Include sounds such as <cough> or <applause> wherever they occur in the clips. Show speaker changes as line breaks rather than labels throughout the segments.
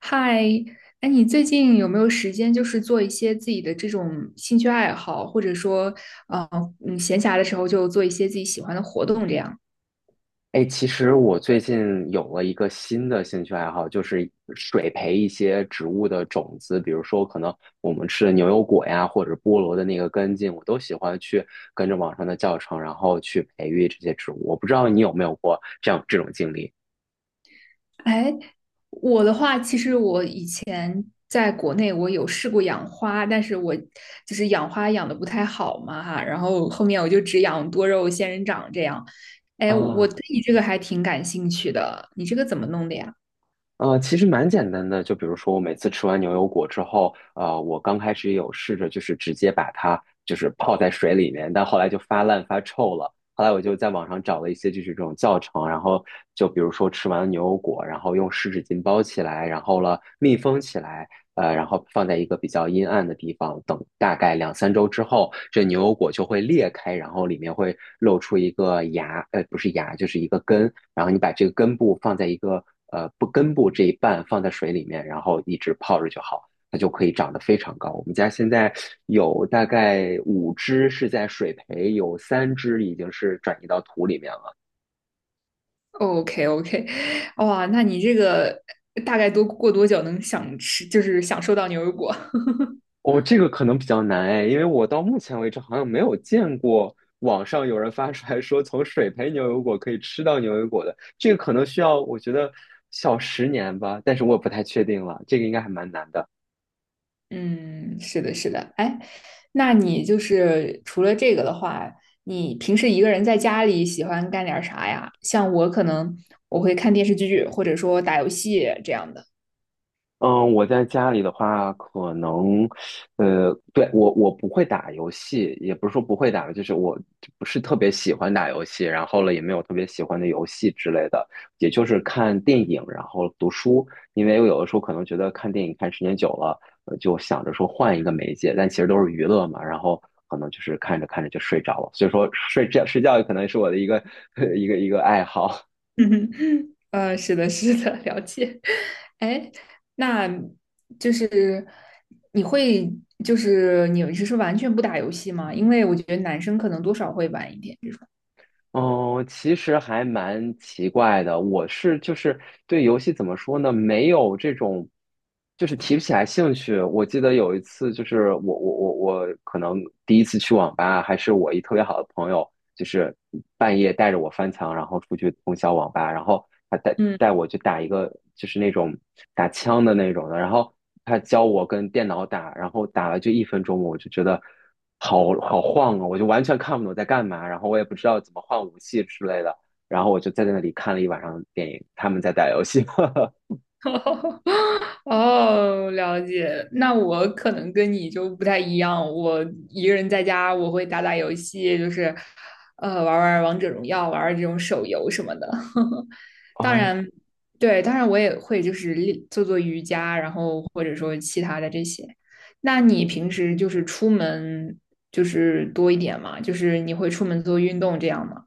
嗨，哎，你最近有没有时间，就是做一些自己的这种兴趣爱好，或者说，呃，闲暇的时候就做一些自己喜欢的活动这样？
哎，其实我最近有了一个新的兴趣爱好，就是水培一些植物的种子，比如说可能我们吃的牛油果呀，或者菠萝的那个根茎，我都喜欢去跟着网上的教程，然后去培育这些植物。我不知道你有没有过这样这种经历
哎，我的话，其实我以前在国内我有试过养花，但是我就是养花养的不太好嘛哈，然后后面我就只养多肉仙人掌这样。哎，我
啊？
对你这个还挺感兴趣的，你这个怎么弄的呀？
其实蛮简单的，就比如说我每次吃完牛油果之后，我刚开始也有试着就是直接把它就是泡在水里面，但后来就发烂发臭了。后来我就在网上找了一些就是这种教程，然后就比如说吃完牛油果，然后用湿纸巾包起来，然后了密封起来，然后放在一个比较阴暗的地方，等大概两三周之后，这牛油果就会裂开，然后里面会露出一个芽，不是芽，就是一个根。然后你把这个根部放在一个呃不根部这一半放在水里面，然后一直泡着就好，它就可以长得非常高。我们家现在有大概五只是在水培，有三只已经是转移到土里面了。
OK OK。<laughs> 哇，那你这个大概多过多久能想吃，就是享受到牛油果？
哦，这个可能比较难哎，因为我到目前为止好像没有见过网上有人发出来说从水培牛油果可以吃到牛油果的，这个可能需要我觉得小十年吧，但是我也不太确定了，这个应该还蛮难的。
<laughs> 嗯，是的，是的。哎，那你就是除了这个的话，你平时一个人在家里喜欢干点啥呀？像我可能我会看电视剧，或者说打游戏这样的。
嗯，我在家里的话，可能，对，我不会打游戏，也不是说不会打，就是我不是特别喜欢打游戏，然后了也没有特别喜欢的游戏之类的，也就是看电影，然后读书，因为我有的时候可能觉得看电影看时间久了，就想着说换一个媒介，但其实都是娱乐嘛，然后可能就是看着看着就睡着了，所以说睡觉可能是我的一个 <laughs> 一个爱好。
<laughs> 嗯，呃是的，是的，了解。哎，那就是你会，就是你是说完全不打游戏吗？因为我觉得男生可能多少会玩一点这种。
哦，其实还蛮奇怪的。我是就是对游戏怎么说呢，没有这种，就是提不起来兴趣。我记得有一次，就是我可能第一次去网吧，还是我一特别好的朋友，就是半夜带着我翻墙，然后出去通宵网吧，然后他带
嗯。
带我去打一个就是那种打枪的那种的，然后他教我跟电脑打，然后打了就一分钟，我就觉得好好晃啊，我就完全看不懂在干嘛，然后我也不知道怎么换武器之类的，然后我就在那里看了一晚上电影，他们在打游戏。<laughs>
<laughs> 哦，了解。那我可能跟你就不太一样，我一个人在家，我会打打游戏，就是，玩玩王者荣耀，玩玩这种手游什么的。<laughs> 当
哦，
然，对，当然我也会就是练做做瑜伽，然后或者说其他的这些。那你平时就是出门就是多一点嘛？就是你会出门做运动这样吗？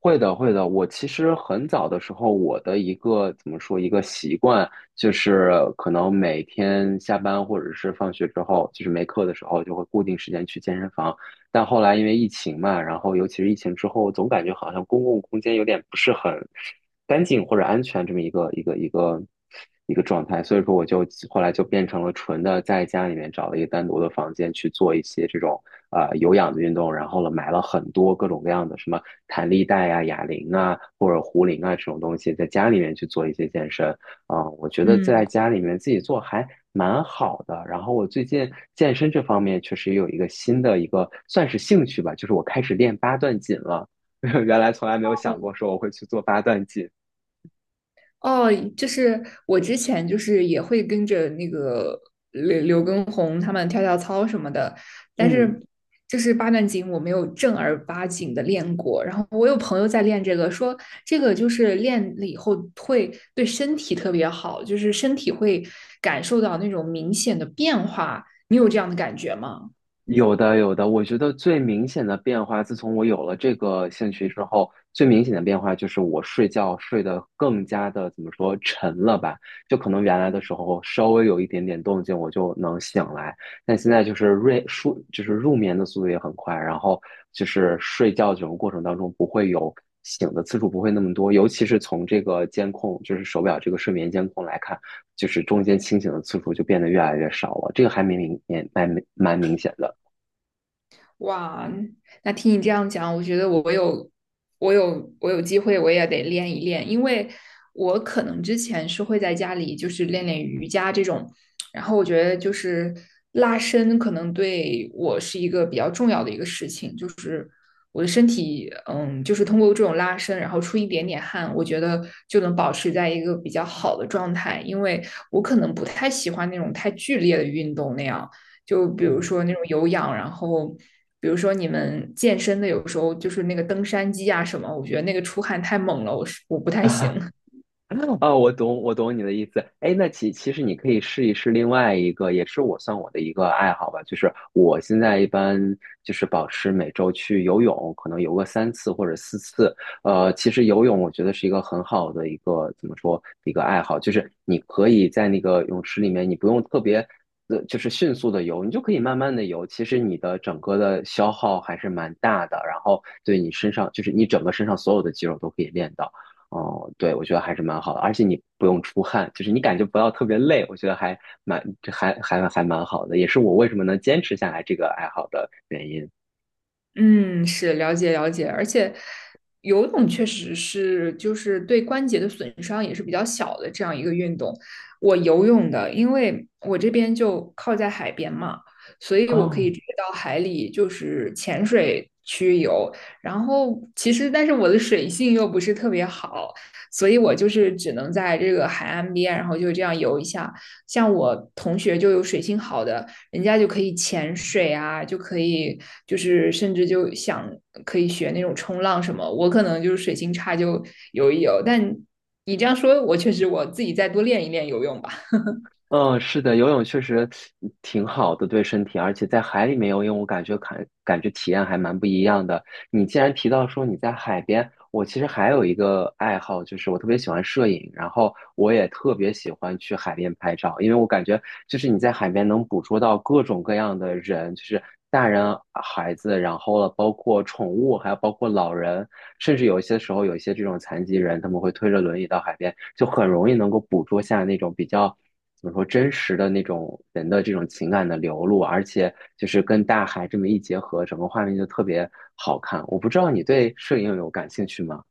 会的，会的。我其实很早的时候，我的一个怎么说一个习惯，就是可能每天下班或者是放学之后，就是没课的时候，就会固定时间去健身房。但后来因为疫情嘛，然后尤其是疫情之后，总感觉好像公共空间有点不是很干净或者安全这么一个状态，所以说我就后来就变成了纯的在家里面找了一个单独的房间去做一些这种有氧的运动，然后呢买了很多各种各样的什么。弹力带啊、哑铃啊或者壶铃啊这种东西，在家里面去做一些健身。我觉得在
嗯
家里面自己做还蛮好的。然后我最近健身这方面确实也有一个新的一个算是兴趣吧，就是我开始练八段锦了。<laughs> 原来从来没有想过说我会去做八段锦。
哦，就是我之前就是也会跟着那个刘畊宏他们跳跳操什么的，但
嗯。
是就是八段锦我没有正儿八经的练过。然后我有朋友在练这个，说这个就是练了以后会对身体特别好，就是身体会感受到那种明显的变化。你有这样的感觉吗？
有的，有的。我觉得最明显的变化，自从我有了这个兴趣之后，最明显的变化就是我睡觉睡得更加的怎么说沉了吧？就可能原来的时候稍微有一点点动静我就能醒来，但现在就是入熟就是入眠的速度也很快，然后就是睡觉这种过程当中不会有醒的次数不会那么多，尤其是从这个监控就是手表这个睡眠监控来看，就是中间清醒的次数就变得越来越少了，这个还蛮明显的。
哇，那听你这样讲，我觉得我有机会，我也得练一练，因为我可能之前是会在家里就是练练瑜伽这种，然后我觉得就是拉伸可能对我是一个比较重要的一个事情，就是我的身体，嗯，就是通过这种拉伸，然后出一点点汗，我觉得就能保持在一个比较好的状态，因为我可能不太喜欢那种太剧烈的运动那样。就比如
嗯，
说那种有氧，然后比如说你们健身的，有时候就是那个登山机啊什么，我觉得那个出汗太猛了，我不太行。
<laughs> 哦，我懂，我懂你的意思。哎，那其实你可以试一试另外一个，也是我算我的一个爱好吧，就是我现在一般就是保持每周去游泳，可能游个三次或者四次。其实游泳我觉得是一个很好的一个怎么说一个爱好，就是你可以在那个泳池里面，你不用特别就是迅速的游，你就可以慢慢的游。其实你的整个的消耗还是蛮大的，然后对你身上就是你整个身上所有的肌肉都可以练到。哦，对，我觉得还是蛮好的，而且你不用出汗，就是你感觉不到特别累，我觉得这还蛮好的，也是我为什么能坚持下来这个爱好的原因。
嗯，是了解了解，而且游泳确实是就是对关节的损伤也是比较小的这样一个运动。我游泳的，因为我这边就靠在海边嘛，所以我可以
哦，
直接到海里就是潜水去游。然后其实，但是我的水性又不是特别好，所以我就是只能在这个海岸边，然后就这样游一下。像我同学就有水性好的。人家就可以潜水啊，就可以就是甚至就想可以学那种冲浪什么。我可能就是水性差，就游一游。但你这样说，我确实我自己再多练一练游泳吧。
嗯，是的，游泳确实挺好的，对身体，而且在海里面游泳，我感觉感觉体验还蛮不一样的。你既然提到说你在海边，我其实还有一个爱好，就是我特别喜欢摄影，然后我也特别喜欢去海边拍照，因为我感觉就是你在海边能捕捉到各种各样的人，就是大人、孩子，然后了包括宠物，还有包括老人，甚至有一些时候有一些这种残疾人，他们会推着轮椅到海边，就很容易能够捕捉下那种比较，怎么说真实的那种人的这种情感的流露，而且就是跟大海这么一结合，整个画面就特别好看。我不知道你对摄影有感兴趣吗？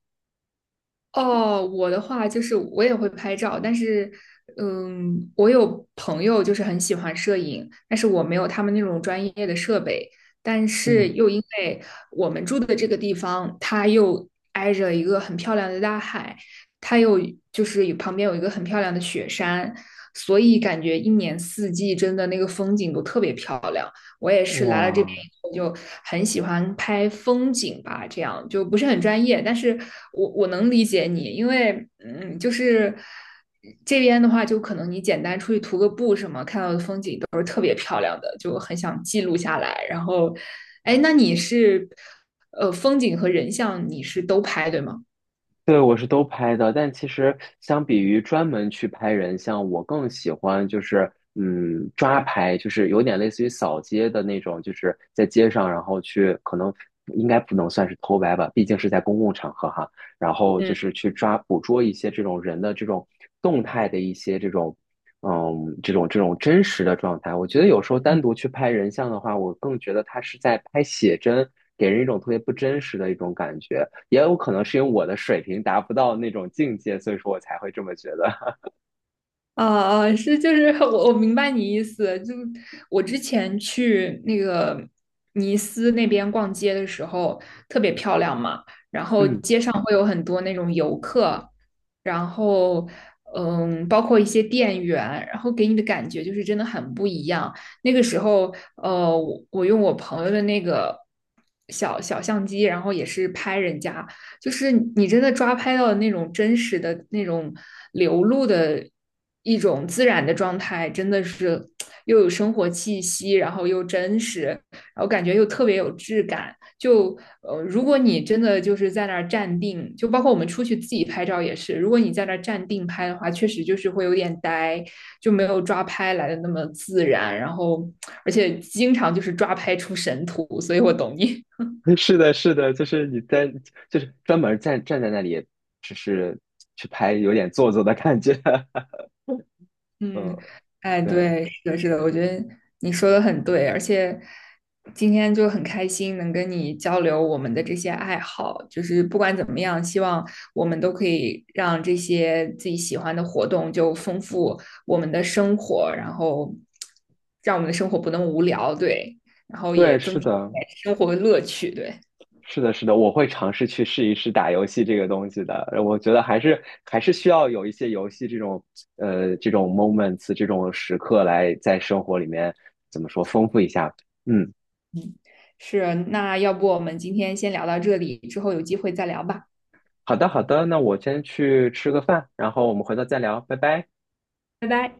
哦，我的话就是我也会拍照，但是，嗯，我有朋友就是很喜欢摄影，但是我没有他们那种专业的设备，但是
嗯，
又因为我们住的这个地方，它又挨着一个很漂亮的大海，它又就是有旁边有一个很漂亮的雪山，所以感觉一年四季真的那个风景都特别漂亮。我也是来了这边
哇，
以后就很喜欢拍风景吧，这样就不是很专业，但是我能理解你，因为嗯，就是这边的话，就可能你简单出去徒个步什么，看到的风景都就很想记录下来。然后，哎，那你是呃风景和人像你是都拍对吗？
对，我是都拍的，但其实相比于专门去拍人像，我更喜欢就是抓拍，就是有点类似于扫街的那种，就是在街上，然后去可能应该不能算是偷拍吧，毕竟是在公共场合哈，然后就是
嗯
去捕捉一些这种人的这种动态的一些这种这种真实的状态，我觉得有时候单独去拍人像的话，我更觉得他是在拍写真，给人一种特别不真实的一种感觉。也有可能是因为我的水平达不到那种境界，所以说我才会这么觉得。<laughs>
啊啊，是就是 <laughs> 我明白你意思，就我之前去那个尼斯那边逛街的时候，特别漂亮嘛，然后
嗯，
街上会有很多那种游客，然后嗯，包括一些店员，然后给你的感觉就是真的很不一样。那个时候，我用我朋友的那个小小相机，然后也是拍人家。就是你真的抓拍到的那种真实的那种流露的一种自然的状态，真的是又有生活气息，然后又真实，然后感觉又特别有质感。就如果你真的就是在那儿站定，就包括我们出去自己拍照也是，如果你在那儿站定拍的话，确实就是会有点呆，就没有抓拍来的那么自然。然后，而且经常就是抓拍出神图，所以我懂你。<laughs>
是的，是的，就是你在，就是专门站在那里，只是去拍，有点做作的感觉。<laughs>
嗯，
嗯，
哎，
对，
对，是的，是的，我觉得你说的很对，而且今天就很开心能跟你交流我们的这些爱好，就是不管怎么样，希望我们都可以让这些自己喜欢的活动就丰富我们的生活，然后让我们的生活不那么无聊，对，然后也
对，是
增添一
的，
点生活的乐趣，对，
是的，是的，我会尝试去试一试打游戏这个东西的。我觉得还是需要有一些游戏这种这种 moments 这种时刻来在生活里面怎么说丰富一下。嗯，
是，那要不我们今天先聊到这里，之后有机会再聊吧，
好的，好的，那我先去吃个饭，然后我们回头再聊，拜拜。
拜拜。